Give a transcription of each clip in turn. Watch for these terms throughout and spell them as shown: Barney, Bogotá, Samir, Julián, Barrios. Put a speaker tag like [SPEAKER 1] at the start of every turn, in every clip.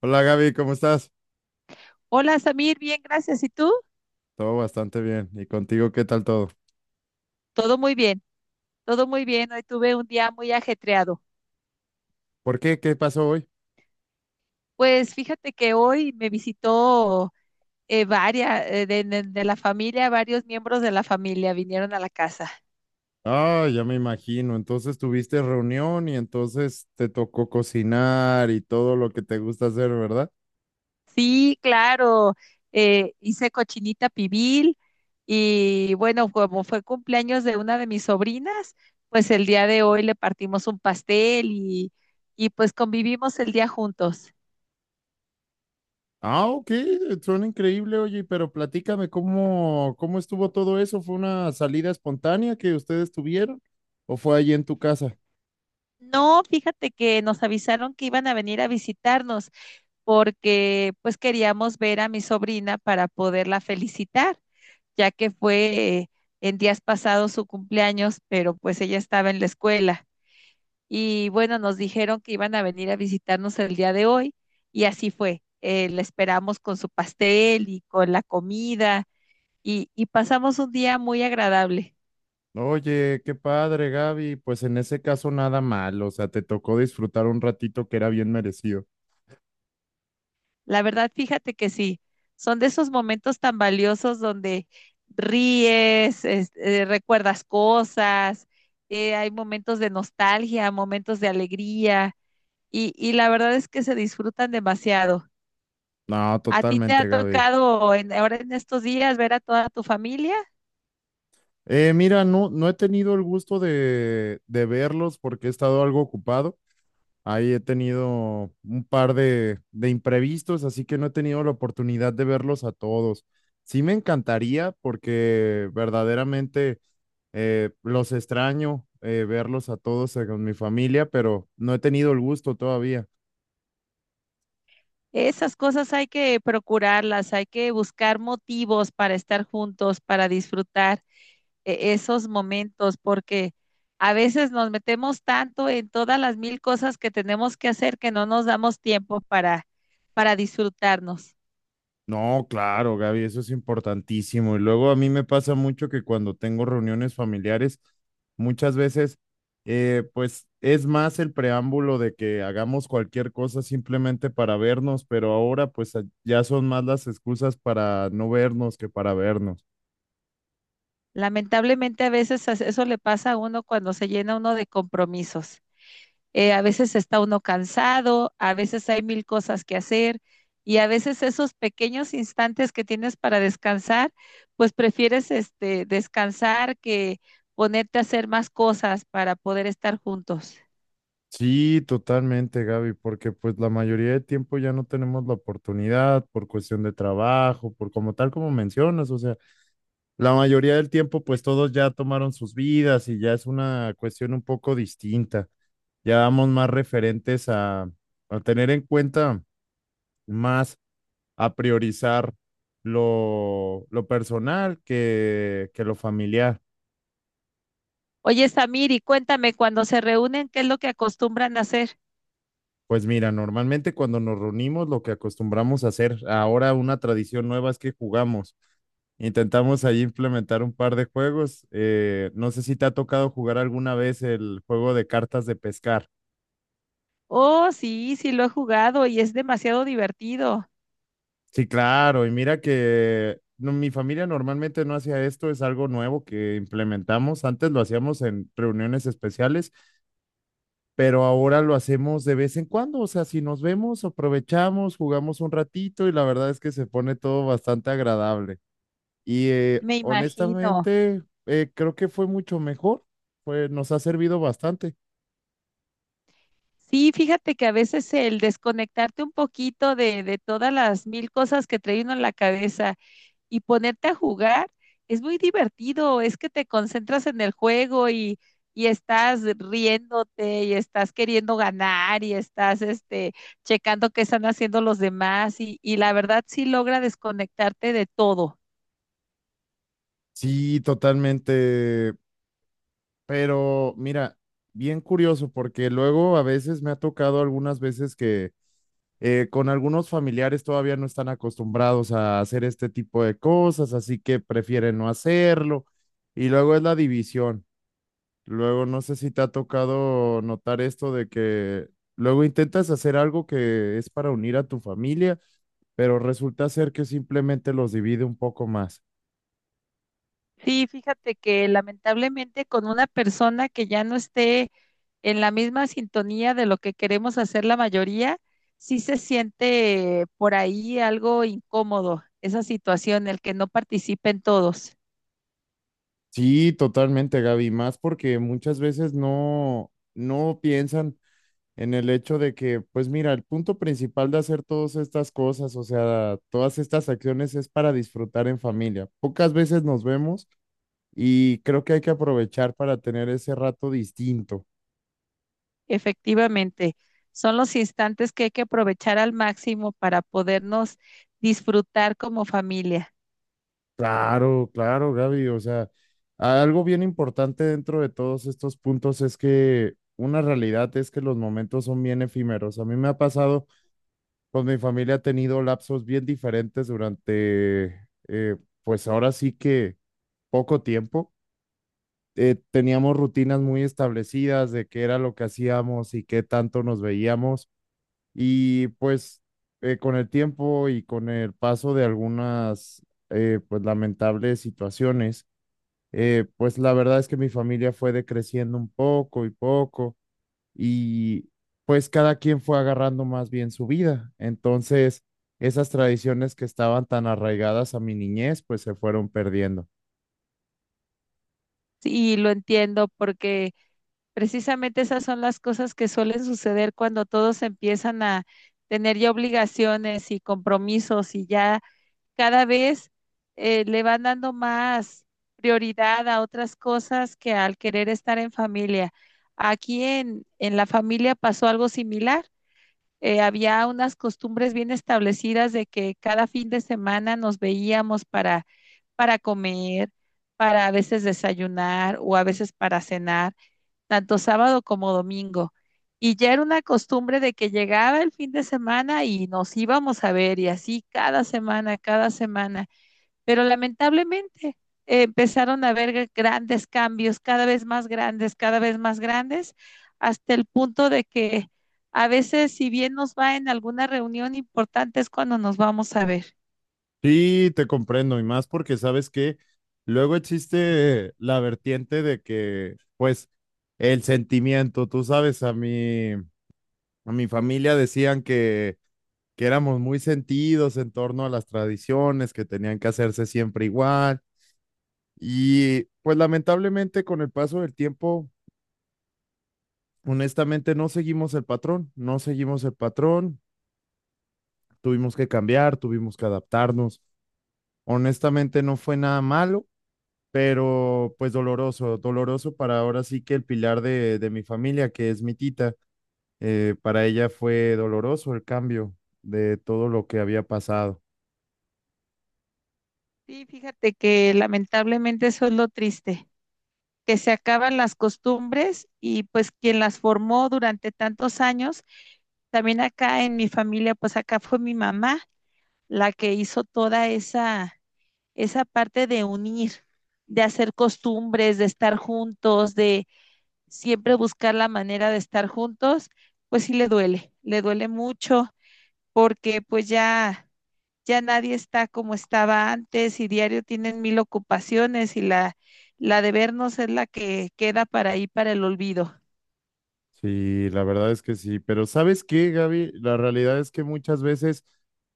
[SPEAKER 1] Hola Gaby, ¿cómo estás?
[SPEAKER 2] Hola Samir, bien, gracias. ¿Y tú?
[SPEAKER 1] Todo bastante bien. ¿Y contigo qué tal todo?
[SPEAKER 2] Todo muy bien, todo muy bien. Hoy tuve un día muy ajetreado.
[SPEAKER 1] ¿Por qué? ¿Qué pasó hoy?
[SPEAKER 2] Pues fíjate que hoy me visitó varias de la familia, varios miembros de la familia vinieron a la casa.
[SPEAKER 1] Ah, ya me imagino. Entonces tuviste reunión y entonces te tocó cocinar y todo lo que te gusta hacer, ¿verdad?
[SPEAKER 2] Sí, claro, hice cochinita pibil y bueno, como fue cumpleaños de una de mis sobrinas, pues el día de hoy le partimos un pastel y pues convivimos el día juntos.
[SPEAKER 1] Ah, ok, suena increíble, oye, pero platícame cómo, cómo estuvo todo eso. ¿Fue una salida espontánea que ustedes tuvieron o fue allí en tu casa?
[SPEAKER 2] No, fíjate que nos avisaron que iban a venir a visitarnos porque pues queríamos ver a mi sobrina para poderla felicitar, ya que fue en días pasados su cumpleaños, pero pues ella estaba en la escuela. Y bueno, nos dijeron que iban a venir a visitarnos el día de hoy y así fue. La esperamos con su pastel y con la comida y pasamos un día muy agradable.
[SPEAKER 1] Oye, qué padre, Gaby. Pues en ese caso nada mal, o sea, te tocó disfrutar un ratito que era bien merecido.
[SPEAKER 2] La verdad, fíjate que sí, son de esos momentos tan valiosos donde ríes, recuerdas cosas, hay momentos de nostalgia, momentos de alegría y la verdad es que se disfrutan demasiado.
[SPEAKER 1] No,
[SPEAKER 2] ¿A ti te ha
[SPEAKER 1] totalmente, Gaby.
[SPEAKER 2] tocado ahora en estos días ver a toda tu familia?
[SPEAKER 1] Mira, no, no he tenido el gusto de verlos porque he estado algo ocupado. Ahí he tenido un par de imprevistos, así que no he tenido la oportunidad de verlos a todos. Sí me encantaría porque verdaderamente los extraño verlos a todos con mi familia, pero no he tenido el gusto todavía.
[SPEAKER 2] Esas cosas hay que procurarlas, hay que buscar motivos para estar juntos, para disfrutar esos momentos, porque a veces nos metemos tanto en todas las mil cosas que tenemos que hacer que no nos damos tiempo para disfrutarnos.
[SPEAKER 1] No, claro, Gaby, eso es importantísimo. Y luego a mí me pasa mucho que cuando tengo reuniones familiares, muchas veces, pues es más el preámbulo de que hagamos cualquier cosa simplemente para vernos, pero ahora pues ya son más las excusas para no vernos que para vernos.
[SPEAKER 2] Lamentablemente a veces eso le pasa a uno cuando se llena uno de compromisos. A veces está uno cansado, a veces hay mil cosas que hacer y a veces esos pequeños instantes que tienes para descansar, pues prefieres este descansar que ponerte a hacer más cosas para poder estar juntos.
[SPEAKER 1] Sí, totalmente, Gaby, porque pues la mayoría de tiempo ya no tenemos la oportunidad por cuestión de trabajo, por como tal como mencionas, o sea, la mayoría del tiempo, pues todos ya tomaron sus vidas y ya es una cuestión un poco distinta. Ya vamos más referentes a tener en cuenta más, a priorizar lo personal que lo familiar.
[SPEAKER 2] Oye, Samir, y cuéntame, cuando se reúnen, ¿qué es lo que acostumbran a hacer?
[SPEAKER 1] Pues mira, normalmente cuando nos reunimos, lo que acostumbramos a hacer, ahora una tradición nueva es que jugamos. Intentamos ahí implementar un par de juegos. No sé si te ha tocado jugar alguna vez el juego de cartas de pescar.
[SPEAKER 2] Oh, sí, sí lo he jugado y es demasiado divertido,
[SPEAKER 1] Sí, claro, y mira que no, mi familia normalmente no hacía esto, es algo nuevo que implementamos. Antes lo hacíamos en reuniones especiales, pero ahora lo hacemos de vez en cuando. O sea, si nos vemos, aprovechamos, jugamos un ratito y la verdad es que se pone todo bastante agradable. Y
[SPEAKER 2] me imagino.
[SPEAKER 1] honestamente, creo que fue mucho mejor, pues nos ha servido bastante.
[SPEAKER 2] Sí, fíjate que a veces el desconectarte un poquito de todas las mil cosas que trae uno en la cabeza y ponerte a jugar es muy divertido, es que te concentras en el juego y estás riéndote y estás queriendo ganar y estás este, checando qué están haciendo los demás y la verdad sí logra desconectarte de todo.
[SPEAKER 1] Sí, totalmente, pero mira, bien curioso porque luego a veces me ha tocado algunas veces que con algunos familiares todavía no están acostumbrados a hacer este tipo de cosas, así que prefieren no hacerlo. Y luego es la división. Luego no sé si te ha tocado notar esto de que luego intentas hacer algo que es para unir a tu familia, pero resulta ser que simplemente los divide un poco más.
[SPEAKER 2] Sí, fíjate que lamentablemente con una persona que ya no esté en la misma sintonía de lo que queremos hacer la mayoría, sí se siente por ahí algo incómodo esa situación, el que no participen todos.
[SPEAKER 1] Sí, totalmente, Gaby, más porque muchas veces no, no piensan en el hecho de que, pues mira, el punto principal de hacer todas estas cosas, o sea, todas estas acciones es para disfrutar en familia. Pocas veces nos vemos y creo que hay que aprovechar para tener ese rato distinto.
[SPEAKER 2] Efectivamente, son los instantes que hay que aprovechar al máximo para podernos disfrutar como familia.
[SPEAKER 1] Claro, claro, Gaby, o sea, algo bien importante dentro de todos estos puntos es que una realidad es que los momentos son bien efímeros. A mí me ha pasado, pues mi familia ha tenido lapsos bien diferentes durante, pues ahora sí que poco tiempo. Teníamos rutinas muy establecidas de qué era lo que hacíamos y qué tanto nos veíamos. Y pues con el tiempo y con el paso de algunas pues lamentables situaciones, pues la verdad es que mi familia fue decreciendo un poco y poco y pues cada quien fue agarrando más bien su vida. Entonces, esas tradiciones que estaban tan arraigadas a mi niñez, pues se fueron perdiendo.
[SPEAKER 2] Y lo entiendo porque precisamente esas son las cosas que suelen suceder cuando todos empiezan a tener ya obligaciones y compromisos y ya cada vez le van dando más prioridad a otras cosas que al querer estar en familia. Aquí en la familia pasó algo similar. Eh, había unas costumbres bien establecidas de que cada fin de semana nos veíamos para comer, para a veces desayunar o a veces para cenar, tanto sábado como domingo. Y ya era una costumbre de que llegaba el fin de semana y nos íbamos a ver y así cada semana, cada semana, pero lamentablemente empezaron a haber grandes cambios, cada vez más grandes, cada vez más grandes, hasta el punto de que a veces, si bien nos va en alguna reunión importante, es cuando nos vamos a ver.
[SPEAKER 1] Sí, te comprendo, y más porque sabes que luego existe la vertiente de que, pues, el sentimiento, tú sabes, a mi familia decían que éramos muy sentidos en torno a las tradiciones, que tenían que hacerse siempre igual, y pues lamentablemente con el paso del tiempo, honestamente, no seguimos el patrón, no seguimos el patrón, tuvimos que cambiar, tuvimos que adaptarnos, honestamente no fue nada malo, pero pues doloroso, doloroso para ahora sí que el pilar de mi familia, que es mi tita, para ella fue doloroso el cambio de todo lo que había pasado.
[SPEAKER 2] Sí, fíjate que lamentablemente eso es lo triste, que se acaban las costumbres y pues quien las formó durante tantos años, también acá en mi familia, pues acá fue mi mamá la que hizo toda esa parte de unir, de hacer costumbres, de estar juntos, de siempre buscar la manera de estar juntos, pues sí le duele mucho porque ya nadie está como estaba antes y diario tienen mil ocupaciones y la de vernos es la que queda para ahí para el olvido.
[SPEAKER 1] Sí, la verdad es que sí, pero ¿sabes qué, Gaby? La realidad es que muchas veces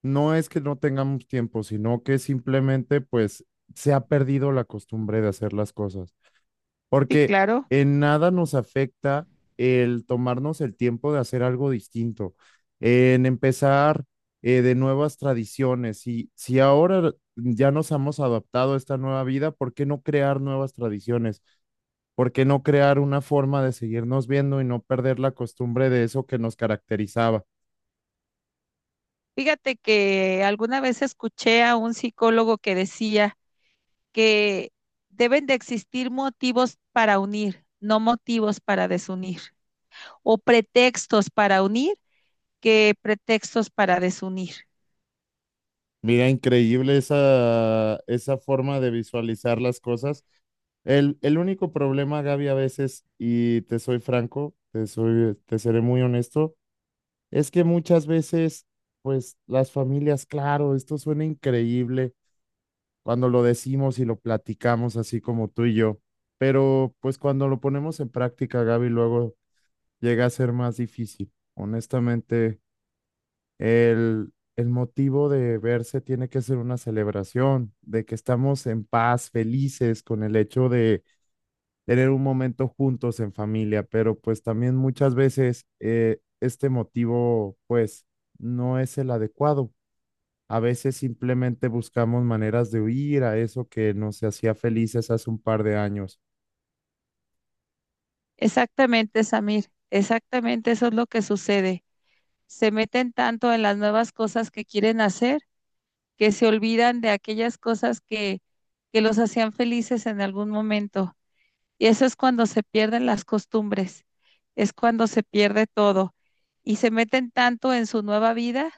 [SPEAKER 1] no es que no tengamos tiempo, sino que simplemente pues se ha perdido la costumbre de hacer las cosas.
[SPEAKER 2] Sí,
[SPEAKER 1] Porque
[SPEAKER 2] claro.
[SPEAKER 1] en nada nos afecta el tomarnos el tiempo de hacer algo distinto, en empezar de nuevas tradiciones. Y si ahora ya nos hemos adaptado a esta nueva vida, ¿por qué no crear nuevas tradiciones? ¿Por qué no crear una forma de seguirnos viendo y no perder la costumbre de eso que nos caracterizaba?
[SPEAKER 2] Fíjate que alguna vez escuché a un psicólogo que decía que deben de existir motivos para unir, no motivos para desunir, o pretextos para unir que pretextos para desunir.
[SPEAKER 1] Mira, increíble esa, esa forma de visualizar las cosas. El único problema, Gaby, a veces, y te soy franco, te soy, te seré muy honesto, es que muchas veces, pues las familias, claro, esto suena increíble cuando lo decimos y lo platicamos así como tú y yo, pero pues cuando lo ponemos en práctica, Gaby, luego llega a ser más difícil. Honestamente. El motivo de verse tiene que ser una celebración, de que estamos en paz, felices con el hecho de tener un momento juntos en familia, pero pues también muchas veces este motivo pues no es el adecuado. A veces simplemente buscamos maneras de huir a eso que nos hacía felices hace un par de años.
[SPEAKER 2] Exactamente, Samir, exactamente eso es lo que sucede. Se meten tanto en las nuevas cosas que quieren hacer que se olvidan de aquellas que los hacían felices en algún momento. Y eso es cuando se pierden las costumbres, es cuando se pierde todo y se meten tanto en su nueva vida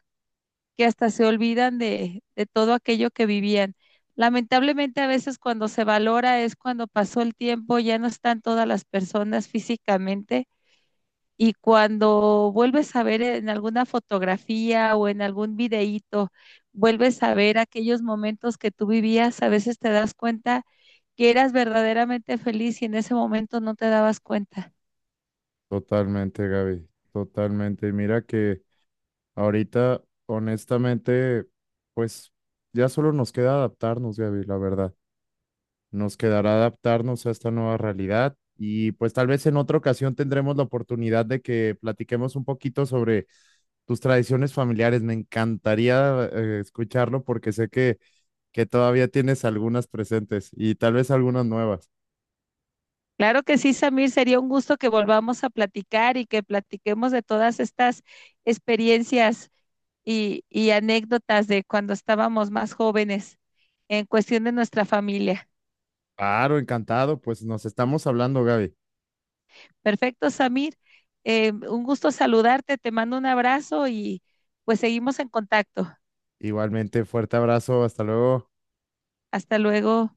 [SPEAKER 2] que hasta se olvidan de todo aquello que vivían. Lamentablemente a veces cuando se valora es cuando pasó el tiempo, ya no están todas las personas físicamente y cuando vuelves a ver en alguna fotografía o en algún videíto, vuelves a ver aquellos momentos que tú vivías, a veces te das cuenta que eras verdaderamente feliz y en ese momento no te dabas cuenta.
[SPEAKER 1] Totalmente, Gaby, totalmente. Y mira que... Ahorita, honestamente, pues ya solo nos queda adaptarnos, Gaby, la verdad. Nos quedará adaptarnos a esta nueva realidad y pues tal vez en otra ocasión tendremos la oportunidad de que platiquemos un poquito sobre tus tradiciones familiares. Me encantaría escucharlo porque sé que todavía tienes algunas presentes y tal vez algunas nuevas.
[SPEAKER 2] Claro que sí, Samir, sería un gusto que volvamos a platicar y que platiquemos de todas estas experiencias y anécdotas de cuando estábamos más jóvenes en cuestión de nuestra familia.
[SPEAKER 1] Claro, encantado. Pues nos estamos hablando, Gaby.
[SPEAKER 2] Perfecto, Samir. Un gusto saludarte, te mando un abrazo y pues seguimos en contacto.
[SPEAKER 1] Igualmente, fuerte abrazo. Hasta luego.
[SPEAKER 2] Hasta luego.